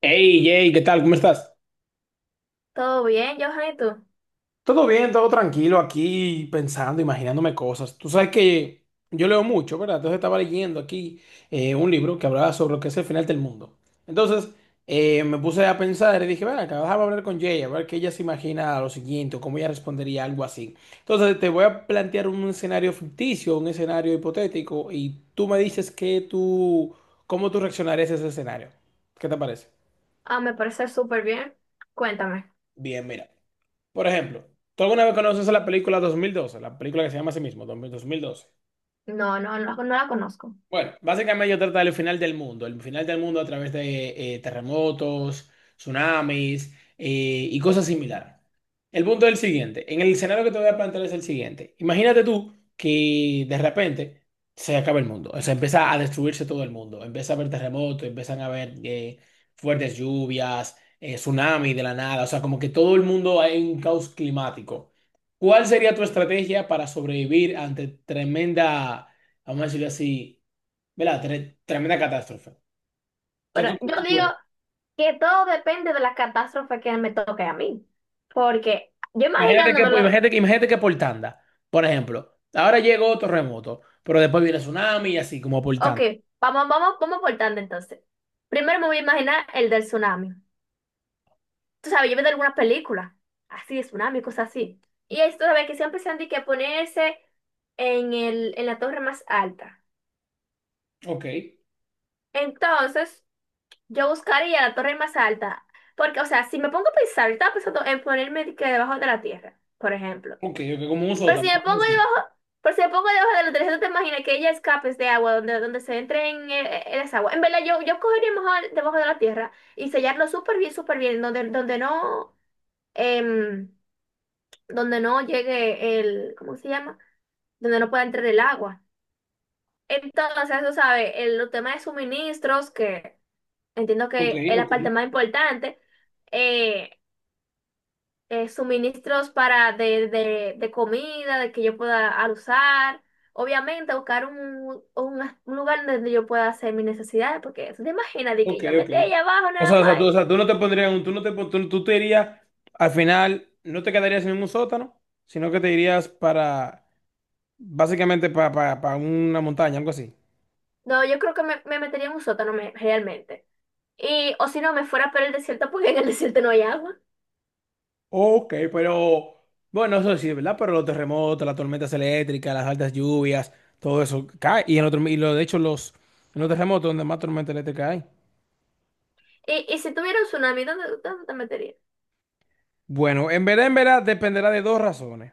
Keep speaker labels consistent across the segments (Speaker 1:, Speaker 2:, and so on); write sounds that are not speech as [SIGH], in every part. Speaker 1: Hey, Jay, ¿qué tal? ¿Cómo estás?
Speaker 2: ¿Todo bien, Johan? ¿Y tú?
Speaker 1: Todo bien, todo tranquilo aquí, pensando, imaginándome cosas. Tú sabes que yo leo mucho, ¿verdad? Entonces estaba leyendo aquí un libro que hablaba sobre lo que es el final del mundo. Entonces Me puse a pensar y dije, bueno, acá déjame hablar con Jay, a ver qué ella se imagina lo siguiente o cómo ella respondería a algo así. Entonces te voy a plantear un escenario ficticio, un escenario hipotético, y tú me dices que tú, cómo tú reaccionarías a ese escenario. ¿Qué te parece?
Speaker 2: Ah, me parece súper bien. Cuéntame.
Speaker 1: Bien, mira. Por ejemplo, ¿tú alguna vez conoces la película 2012? La película que se llama así mismo, 2012.
Speaker 2: No, no, no, no la conozco.
Speaker 1: Bueno, básicamente yo trata del final del mundo, el final del mundo a través de terremotos, tsunamis y cosas similares. El punto es el siguiente, en el escenario que te voy a plantear es el siguiente. Imagínate tú que de repente se acaba el mundo, o sea, empieza a destruirse todo el mundo, empieza a haber terremotos, empiezan a haber fuertes lluvias, tsunamis de la nada, o sea, como que todo el mundo hay un caos climático. ¿Cuál sería tu estrategia para sobrevivir ante tremenda, vamos a decirlo así? ¿Verdad? Tremenda catástrofe. ¿Qué
Speaker 2: Pero
Speaker 1: qué
Speaker 2: yo
Speaker 1: tú
Speaker 2: digo
Speaker 1: puedes?
Speaker 2: que todo depende de la catástrofe que me toque a mí. Porque yo imaginándomelo,
Speaker 1: Imagínate que por tanda, por ejemplo, ahora llegó terremoto, pero después viene tsunami y así como por
Speaker 2: ok,
Speaker 1: tanda.
Speaker 2: vamos por tanto entonces. Primero me voy a imaginar el del tsunami. Tú sabes, yo veo de algunas películas, así de tsunami, cosas así. Y esto sabes que siempre se han dicho que ponerse en en la torre más alta.
Speaker 1: Ok,
Speaker 2: Entonces, yo buscaría la torre más alta, porque, o sea, si me pongo a pensar, yo estaba pensando en ponerme de que debajo de la tierra, por ejemplo.
Speaker 1: ok, como un
Speaker 2: Pero si
Speaker 1: sótano,
Speaker 2: me
Speaker 1: una cosa
Speaker 2: pongo
Speaker 1: así.
Speaker 2: debajo, pero si me pongo debajo de la tierra, ¿tú te imaginas que ella escapes de agua, donde, se entre en esa agua? En verdad, yo cogería mejor debajo de la tierra y sellarlo súper bien, donde, donde no, em, donde no llegue el, ¿cómo se llama? Donde no pueda entrar el agua. Entonces, eso sabe, el, los temas de suministros que entiendo
Speaker 1: Ok,
Speaker 2: que es la
Speaker 1: ok,
Speaker 2: parte más importante. eh, Suministros para de comida, de que yo pueda al usar. Obviamente, buscar un, un lugar donde yo pueda hacer mis necesidades, porque te imaginas de que
Speaker 1: ok,
Speaker 2: yo me
Speaker 1: ok.
Speaker 2: metí ahí abajo
Speaker 1: O
Speaker 2: nada
Speaker 1: sea, o sea,
Speaker 2: más.
Speaker 1: tú, o sea, tú no te pondrías, tú no te, tú, tú te irías, al final, no te quedarías en un sótano, sino que te irías para, básicamente, para una montaña, algo así.
Speaker 2: No, yo creo que me metería en un sótano realmente. Y, o si no, me fuera por el desierto, porque en el desierto no hay agua.
Speaker 1: Ok, pero bueno, eso sí, ¿verdad? Pero los terremotos, las tormentas eléctricas, las altas lluvias, todo eso cae. Y, en otro, y lo, de hecho, los, en los terremotos donde más tormenta eléctrica hay.
Speaker 2: Y si tuviera un tsunami, ¿dónde, dónde te meterías?
Speaker 1: Bueno, en verdad, dependerá de dos razones.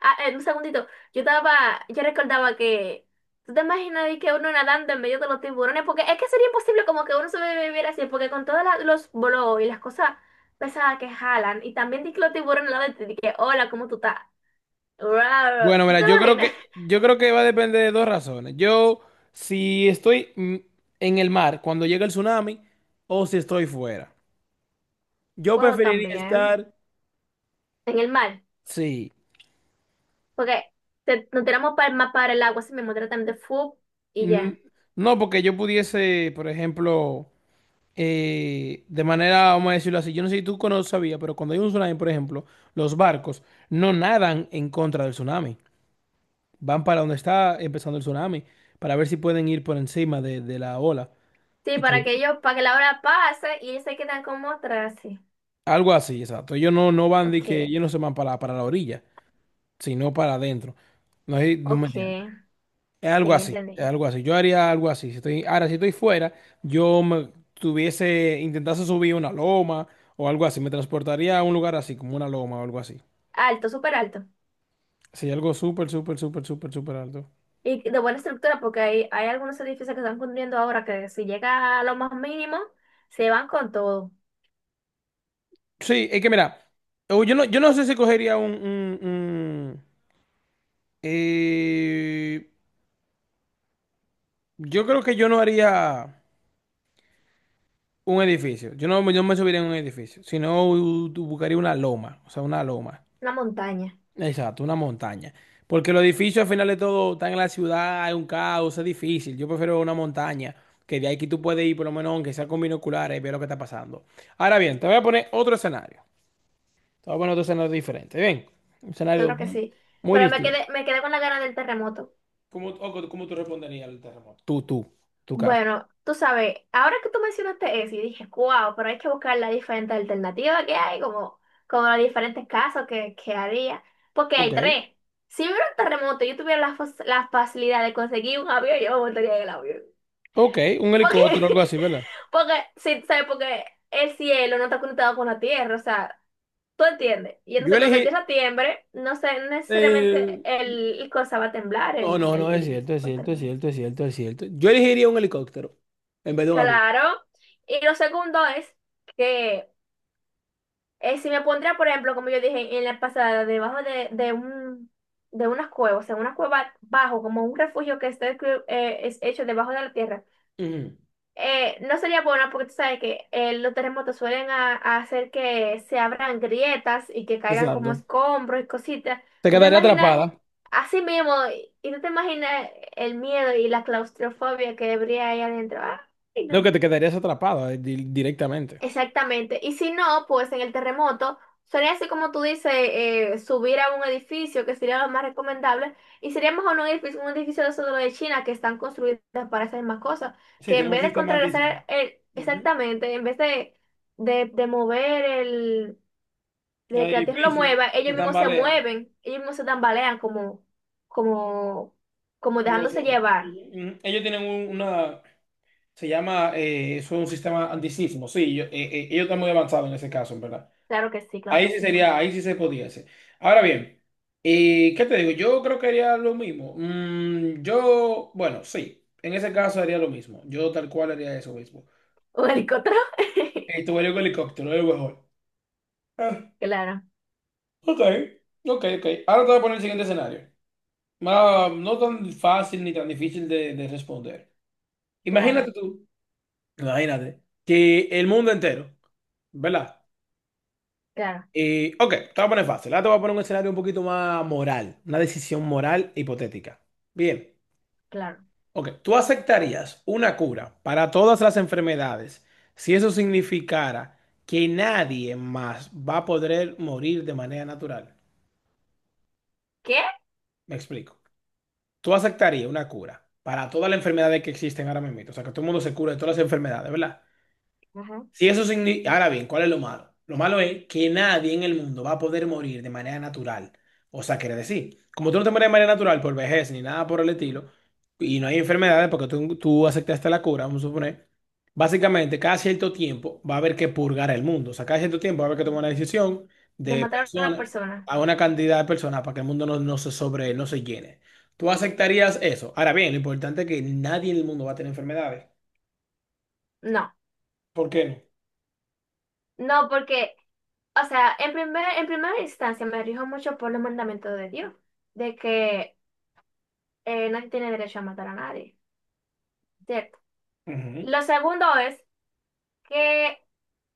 Speaker 2: Ah, un segundito. Yo recordaba que. ¿Tú te imaginas ahí que uno nadando en medio de los tiburones? Porque es que sería imposible como que uno sobreviviera así, porque con todos los bolos y las cosas pesadas que jalan, y también di que los tiburones al lado de ti, di que, hola, ¿cómo tú estás? Rar.
Speaker 1: Bueno,
Speaker 2: ¿Tú
Speaker 1: mira,
Speaker 2: te imaginas? [LAUGHS]
Speaker 1: yo creo que va a depender de dos razones. Yo, si estoy en el mar cuando llega el tsunami o si estoy fuera. Yo
Speaker 2: Bueno,
Speaker 1: preferiría
Speaker 2: también.
Speaker 1: estar,
Speaker 2: En el mar.
Speaker 1: sí.
Speaker 2: Porque nos tiramos para el mar, para el agua, así mismo, tratan de fu y
Speaker 1: Mm,
Speaker 2: ya.
Speaker 1: No, porque yo pudiese, por ejemplo. De manera, vamos a decirlo así, yo no sé si sabías, pero cuando hay un tsunami, por ejemplo, los barcos no nadan en contra del tsunami, van para donde está empezando el tsunami, para ver si pueden ir por encima de la ola.
Speaker 2: Sí,
Speaker 1: Y
Speaker 2: para
Speaker 1: co-
Speaker 2: que ellos, para que la hora pase y ellos se quedan como atrás, sí.
Speaker 1: Algo así, exacto. Ellos no, no van de que
Speaker 2: Ok,
Speaker 1: ellos no se van para la orilla, sino para adentro. No, sé no me
Speaker 2: ok, sí,
Speaker 1: entiendes. Es
Speaker 2: ya
Speaker 1: algo así, es
Speaker 2: entendí.
Speaker 1: algo así. Yo haría algo así. Si estoy, ahora, si estoy fuera, yo me tuviese, intentase subir una loma o algo así. Me transportaría a un lugar así, como una loma o algo así.
Speaker 2: Alto, súper alto.
Speaker 1: Sí, algo súper, súper, súper, súper, súper alto.
Speaker 2: Y de buena estructura, porque hay algunos edificios que están construyendo ahora que si llega a lo más mínimo, se van con todo.
Speaker 1: Sí, es que mira, o yo no, yo no sé si cogería un, eh, yo creo que yo no haría un edificio. Yo no, yo no me subiría en un edificio, sino buscaría una loma, o sea, una loma.
Speaker 2: Una montaña,
Speaker 1: Exacto, una montaña. Porque los edificios al final de todo están en la ciudad, hay un caos, es difícil. Yo prefiero una montaña, que de ahí que tú puedes ir por lo menos, aunque sea con binoculares, y ver lo que está pasando. Ahora bien, te voy a poner otro escenario. Estaba bueno otro escenario diferente. Bien, un escenario
Speaker 2: claro que
Speaker 1: muy,
Speaker 2: sí.
Speaker 1: muy distinto.
Speaker 2: Me quedé con la gana del terremoto.
Speaker 1: ¿Cómo, cómo tú responderías al terremoto? Tú, tu caso.
Speaker 2: Bueno, tú sabes, ahora que tú mencionaste eso, y dije, wow, pero hay que buscar las diferentes alternativas que hay, como, como los diferentes casos que había. Porque
Speaker 1: Ok,
Speaker 2: hay tres. Si hubiera un terremoto y yo tuviera la, la facilidad de conseguir un avión, yo me montaría en el avión.
Speaker 1: ok, un
Speaker 2: Porque,
Speaker 1: helicóptero o algo
Speaker 2: [LAUGHS]
Speaker 1: así, ¿verdad?
Speaker 2: porque, sí, ¿sabes? Porque el cielo no está conectado con la tierra, o sea, tú entiendes. Y
Speaker 1: Yo
Speaker 2: entonces cuando la
Speaker 1: elegí.
Speaker 2: tierra tiembre, no sé, no
Speaker 1: eh,
Speaker 2: necesariamente el cosa va a temblar,
Speaker 1: No, no, no, es
Speaker 2: el
Speaker 1: cierto, es
Speaker 2: otro.
Speaker 1: cierto, es cierto, es cierto, es cierto. Yo elegiría un helicóptero en vez de un avión.
Speaker 2: Claro. Y lo segundo es que si me pondría, por ejemplo, como yo dije en la pasada, debajo de un de unas cuevas, o sea, una cueva bajo, como un refugio que está, es hecho debajo de la tierra.
Speaker 1: Ujú.
Speaker 2: No sería buena porque tú sabes que los terremotos suelen a hacer que se abran grietas y que caigan como
Speaker 1: Exacto.
Speaker 2: escombros y cositas.
Speaker 1: Te
Speaker 2: Tú te
Speaker 1: quedaría
Speaker 2: imaginas
Speaker 1: atrapada.
Speaker 2: así mismo y tú te imaginas el miedo y la claustrofobia que habría ahí adentro. Ay,
Speaker 1: No,
Speaker 2: no.
Speaker 1: que te quedarías atrapada directamente.
Speaker 2: Exactamente. Y si no, pues en el terremoto sería así como tú dices, subir a un edificio que sería lo más recomendable. Y sería mejor un edificio de esos de los de China que están construidas para esas mismas cosas.
Speaker 1: Sí,
Speaker 2: Que en
Speaker 1: tenemos
Speaker 2: vez
Speaker 1: un
Speaker 2: de
Speaker 1: sistema antisísmico.
Speaker 2: contrarrestar
Speaker 1: Ujú.
Speaker 2: exactamente, en vez de, de mover el, de
Speaker 1: El
Speaker 2: que la tierra lo
Speaker 1: edificio
Speaker 2: mueva,
Speaker 1: se
Speaker 2: ellos mismos se
Speaker 1: tambalea,
Speaker 2: mueven, ellos mismos se tambalean como, como, como
Speaker 1: como los
Speaker 2: dejándose
Speaker 1: otros.
Speaker 2: llevar.
Speaker 1: Ujú, ujú. Ellos tienen una, se llama, eso es un sistema antisísmico. Sí, ellos están muy avanzados en ese caso, en verdad.
Speaker 2: Claro que sí, claro
Speaker 1: Ahí
Speaker 2: que
Speaker 1: sí
Speaker 2: sí.
Speaker 1: sería, ahí sí se podía hacer. Ahora bien, ¿qué te digo? Yo creo que haría lo mismo. Yo, bueno, sí, en ese caso haría lo mismo. Yo tal cual haría eso mismo.
Speaker 2: Un helicóptero.
Speaker 1: Tu
Speaker 2: [LAUGHS]
Speaker 1: vuelo con helicóptero, es lo mejor. Ah,
Speaker 2: Claro,
Speaker 1: ok, ok, ok. Ahora te voy a poner el siguiente escenario. No tan fácil ni tan difícil de responder. Imagínate
Speaker 2: claro,
Speaker 1: tú, imagínate, que el mundo entero, ¿verdad?
Speaker 2: claro,
Speaker 1: Y, ok, te voy a poner fácil. Ahora te voy a poner un escenario un poquito más moral, una decisión moral hipotética. Bien,
Speaker 2: claro.
Speaker 1: ok, ¿tú aceptarías una cura para todas las enfermedades si eso significara que nadie más va a poder morir de manera natural?
Speaker 2: ¿Qué?
Speaker 1: Me explico. ¿Tú aceptarías una cura para todas las enfermedades que existen ahora mismo? O sea, que todo el mundo se cura de todas las enfermedades, ¿verdad?
Speaker 2: Ujú.
Speaker 1: Si eso significa... Ahora bien, ¿cuál es lo malo? Lo malo es que nadie en el mundo va a poder morir de manera natural. O sea, quiere decir, como tú no te mueres de manera natural por vejez ni nada por el estilo, y no hay enfermedades porque tú aceptaste la cura, vamos a suponer, básicamente cada cierto tiempo va a haber que purgar el mundo. O sea, cada cierto tiempo va a haber que tomar una decisión
Speaker 2: ¿De
Speaker 1: de
Speaker 2: matar a una
Speaker 1: personas
Speaker 2: persona?
Speaker 1: a una cantidad de personas para que el mundo no, no se sobre, no se llene. ¿Tú aceptarías eso? Ahora bien, lo importante es que nadie en el mundo va a tener enfermedades.
Speaker 2: No,
Speaker 1: ¿Por qué no?
Speaker 2: no, porque, o sea, en primera instancia me rijo mucho por los mandamientos de Dios, de que nadie tiene derecho a matar a nadie, ¿cierto?
Speaker 1: Ujú.
Speaker 2: Lo segundo es que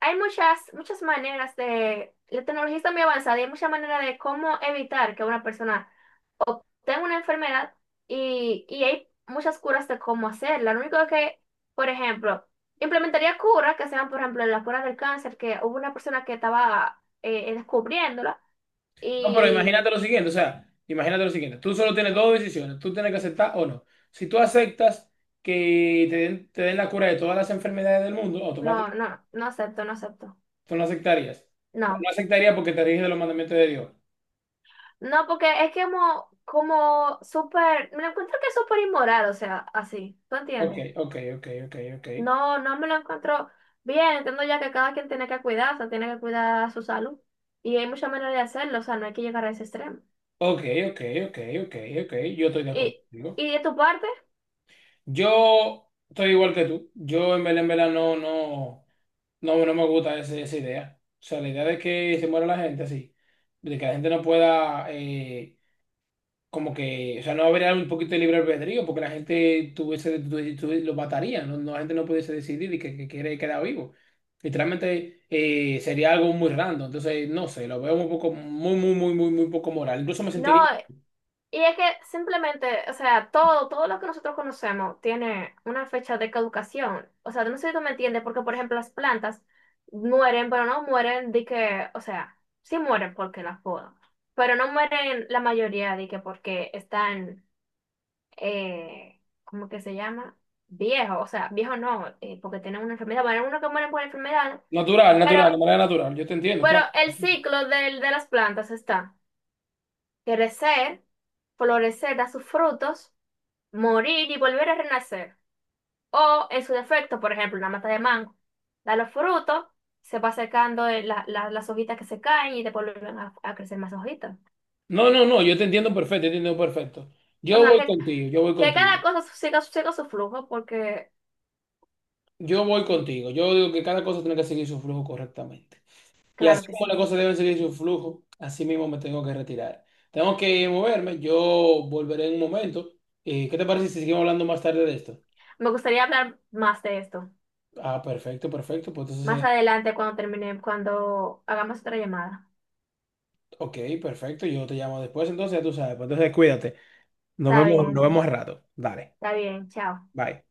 Speaker 2: hay muchas, muchas maneras de, la tecnología está muy avanzada y hay muchas maneras de cómo evitar que una persona tengo una enfermedad y hay muchas curas de cómo hacerla. Lo único que, por ejemplo, implementaría curas que sean, por ejemplo, la cura del cáncer, que hubo una persona que estaba descubriéndola
Speaker 1: No, pero imagínate
Speaker 2: y
Speaker 1: lo siguiente, o sea, imagínate lo siguiente, tú solo tienes dos decisiones, tú tienes que aceptar o no. Si tú aceptas que te den la cura de todas las enfermedades del mundo,
Speaker 2: no,
Speaker 1: automáticamente
Speaker 2: no, no acepto, no acepto.
Speaker 1: tú no aceptarías. Tú
Speaker 2: No,
Speaker 1: no aceptarías porque te riges de los mandamientos de Dios.
Speaker 2: no, porque es que como, como súper, me lo encuentro que es súper inmoral, o sea, así, ¿tú
Speaker 1: Ok,
Speaker 2: entiendes?
Speaker 1: ok, ok, ok, ok.
Speaker 2: No, no me lo encuentro bien, entiendo ya que cada quien tiene que cuidarse, tiene que cuidar su salud y hay muchas maneras de hacerlo, o sea, no hay que llegar a ese extremo.
Speaker 1: Ok, ok, ok, ok, ok. Yo estoy de acuerdo
Speaker 2: Y,
Speaker 1: contigo.
Speaker 2: y de tu parte,
Speaker 1: Yo estoy igual que tú. Yo en verdad, no, no, no, no me gusta esa idea. O sea, la idea de que se muera la gente así, de que la gente no pueda... como que, o sea, no habría un poquito de libre albedrío, porque la gente tuviese, lo mataría, no, no, la gente no pudiese decidir y que quiere quedar vivo. Literalmente sería algo muy random, entonces no sé, lo veo un poco, muy, muy, muy, muy, muy poco moral. Incluso me
Speaker 2: no,
Speaker 1: sentiría
Speaker 2: y es que simplemente, o sea, todo, todo lo que nosotros conocemos tiene una fecha de caducación. O sea, no sé si tú me entiendes, porque por ejemplo las plantas mueren, pero no mueren de que, o sea, sí mueren porque las podan, pero no mueren la mayoría de que porque están, ¿cómo que se llama? Viejos, o sea, viejos no, porque tienen una enfermedad, bueno, hay unos que mueren por enfermedad,
Speaker 1: natural,
Speaker 2: pero,
Speaker 1: natural, de manera natural, yo te entiendo,
Speaker 2: pero
Speaker 1: claro.
Speaker 2: el ciclo de las plantas está. Crecer, florecer, dar sus frutos, morir y volver a renacer. O, en su defecto, por ejemplo, una mata de mango, da los frutos, se va secando la- las hojitas que se caen y después vuelven a crecer más hojitas.
Speaker 1: No, no, no, yo te entiendo perfecto, yo te entiendo perfecto.
Speaker 2: O
Speaker 1: Yo
Speaker 2: sea,
Speaker 1: voy contigo, yo voy
Speaker 2: que
Speaker 1: contigo,
Speaker 2: cada cosa siga, siga su flujo, porque
Speaker 1: yo voy contigo, yo digo que cada cosa tiene que seguir su flujo correctamente. Y
Speaker 2: claro
Speaker 1: así
Speaker 2: que
Speaker 1: como las
Speaker 2: sí.
Speaker 1: cosas deben seguir su flujo, así mismo me tengo que retirar. Tengo que moverme, yo volveré en un momento. ¿Qué te parece si seguimos hablando más tarde de esto?
Speaker 2: Me gustaría hablar más de esto,
Speaker 1: Ah, perfecto, perfecto. Pues entonces,
Speaker 2: más adelante cuando termine, cuando hagamos otra llamada.
Speaker 1: ok, perfecto. Yo te llamo después, entonces ya tú sabes. Pues entonces cuídate.
Speaker 2: Está
Speaker 1: Nos
Speaker 2: bien,
Speaker 1: vemos al rato. Dale,
Speaker 2: está bien, chao.
Speaker 1: bye.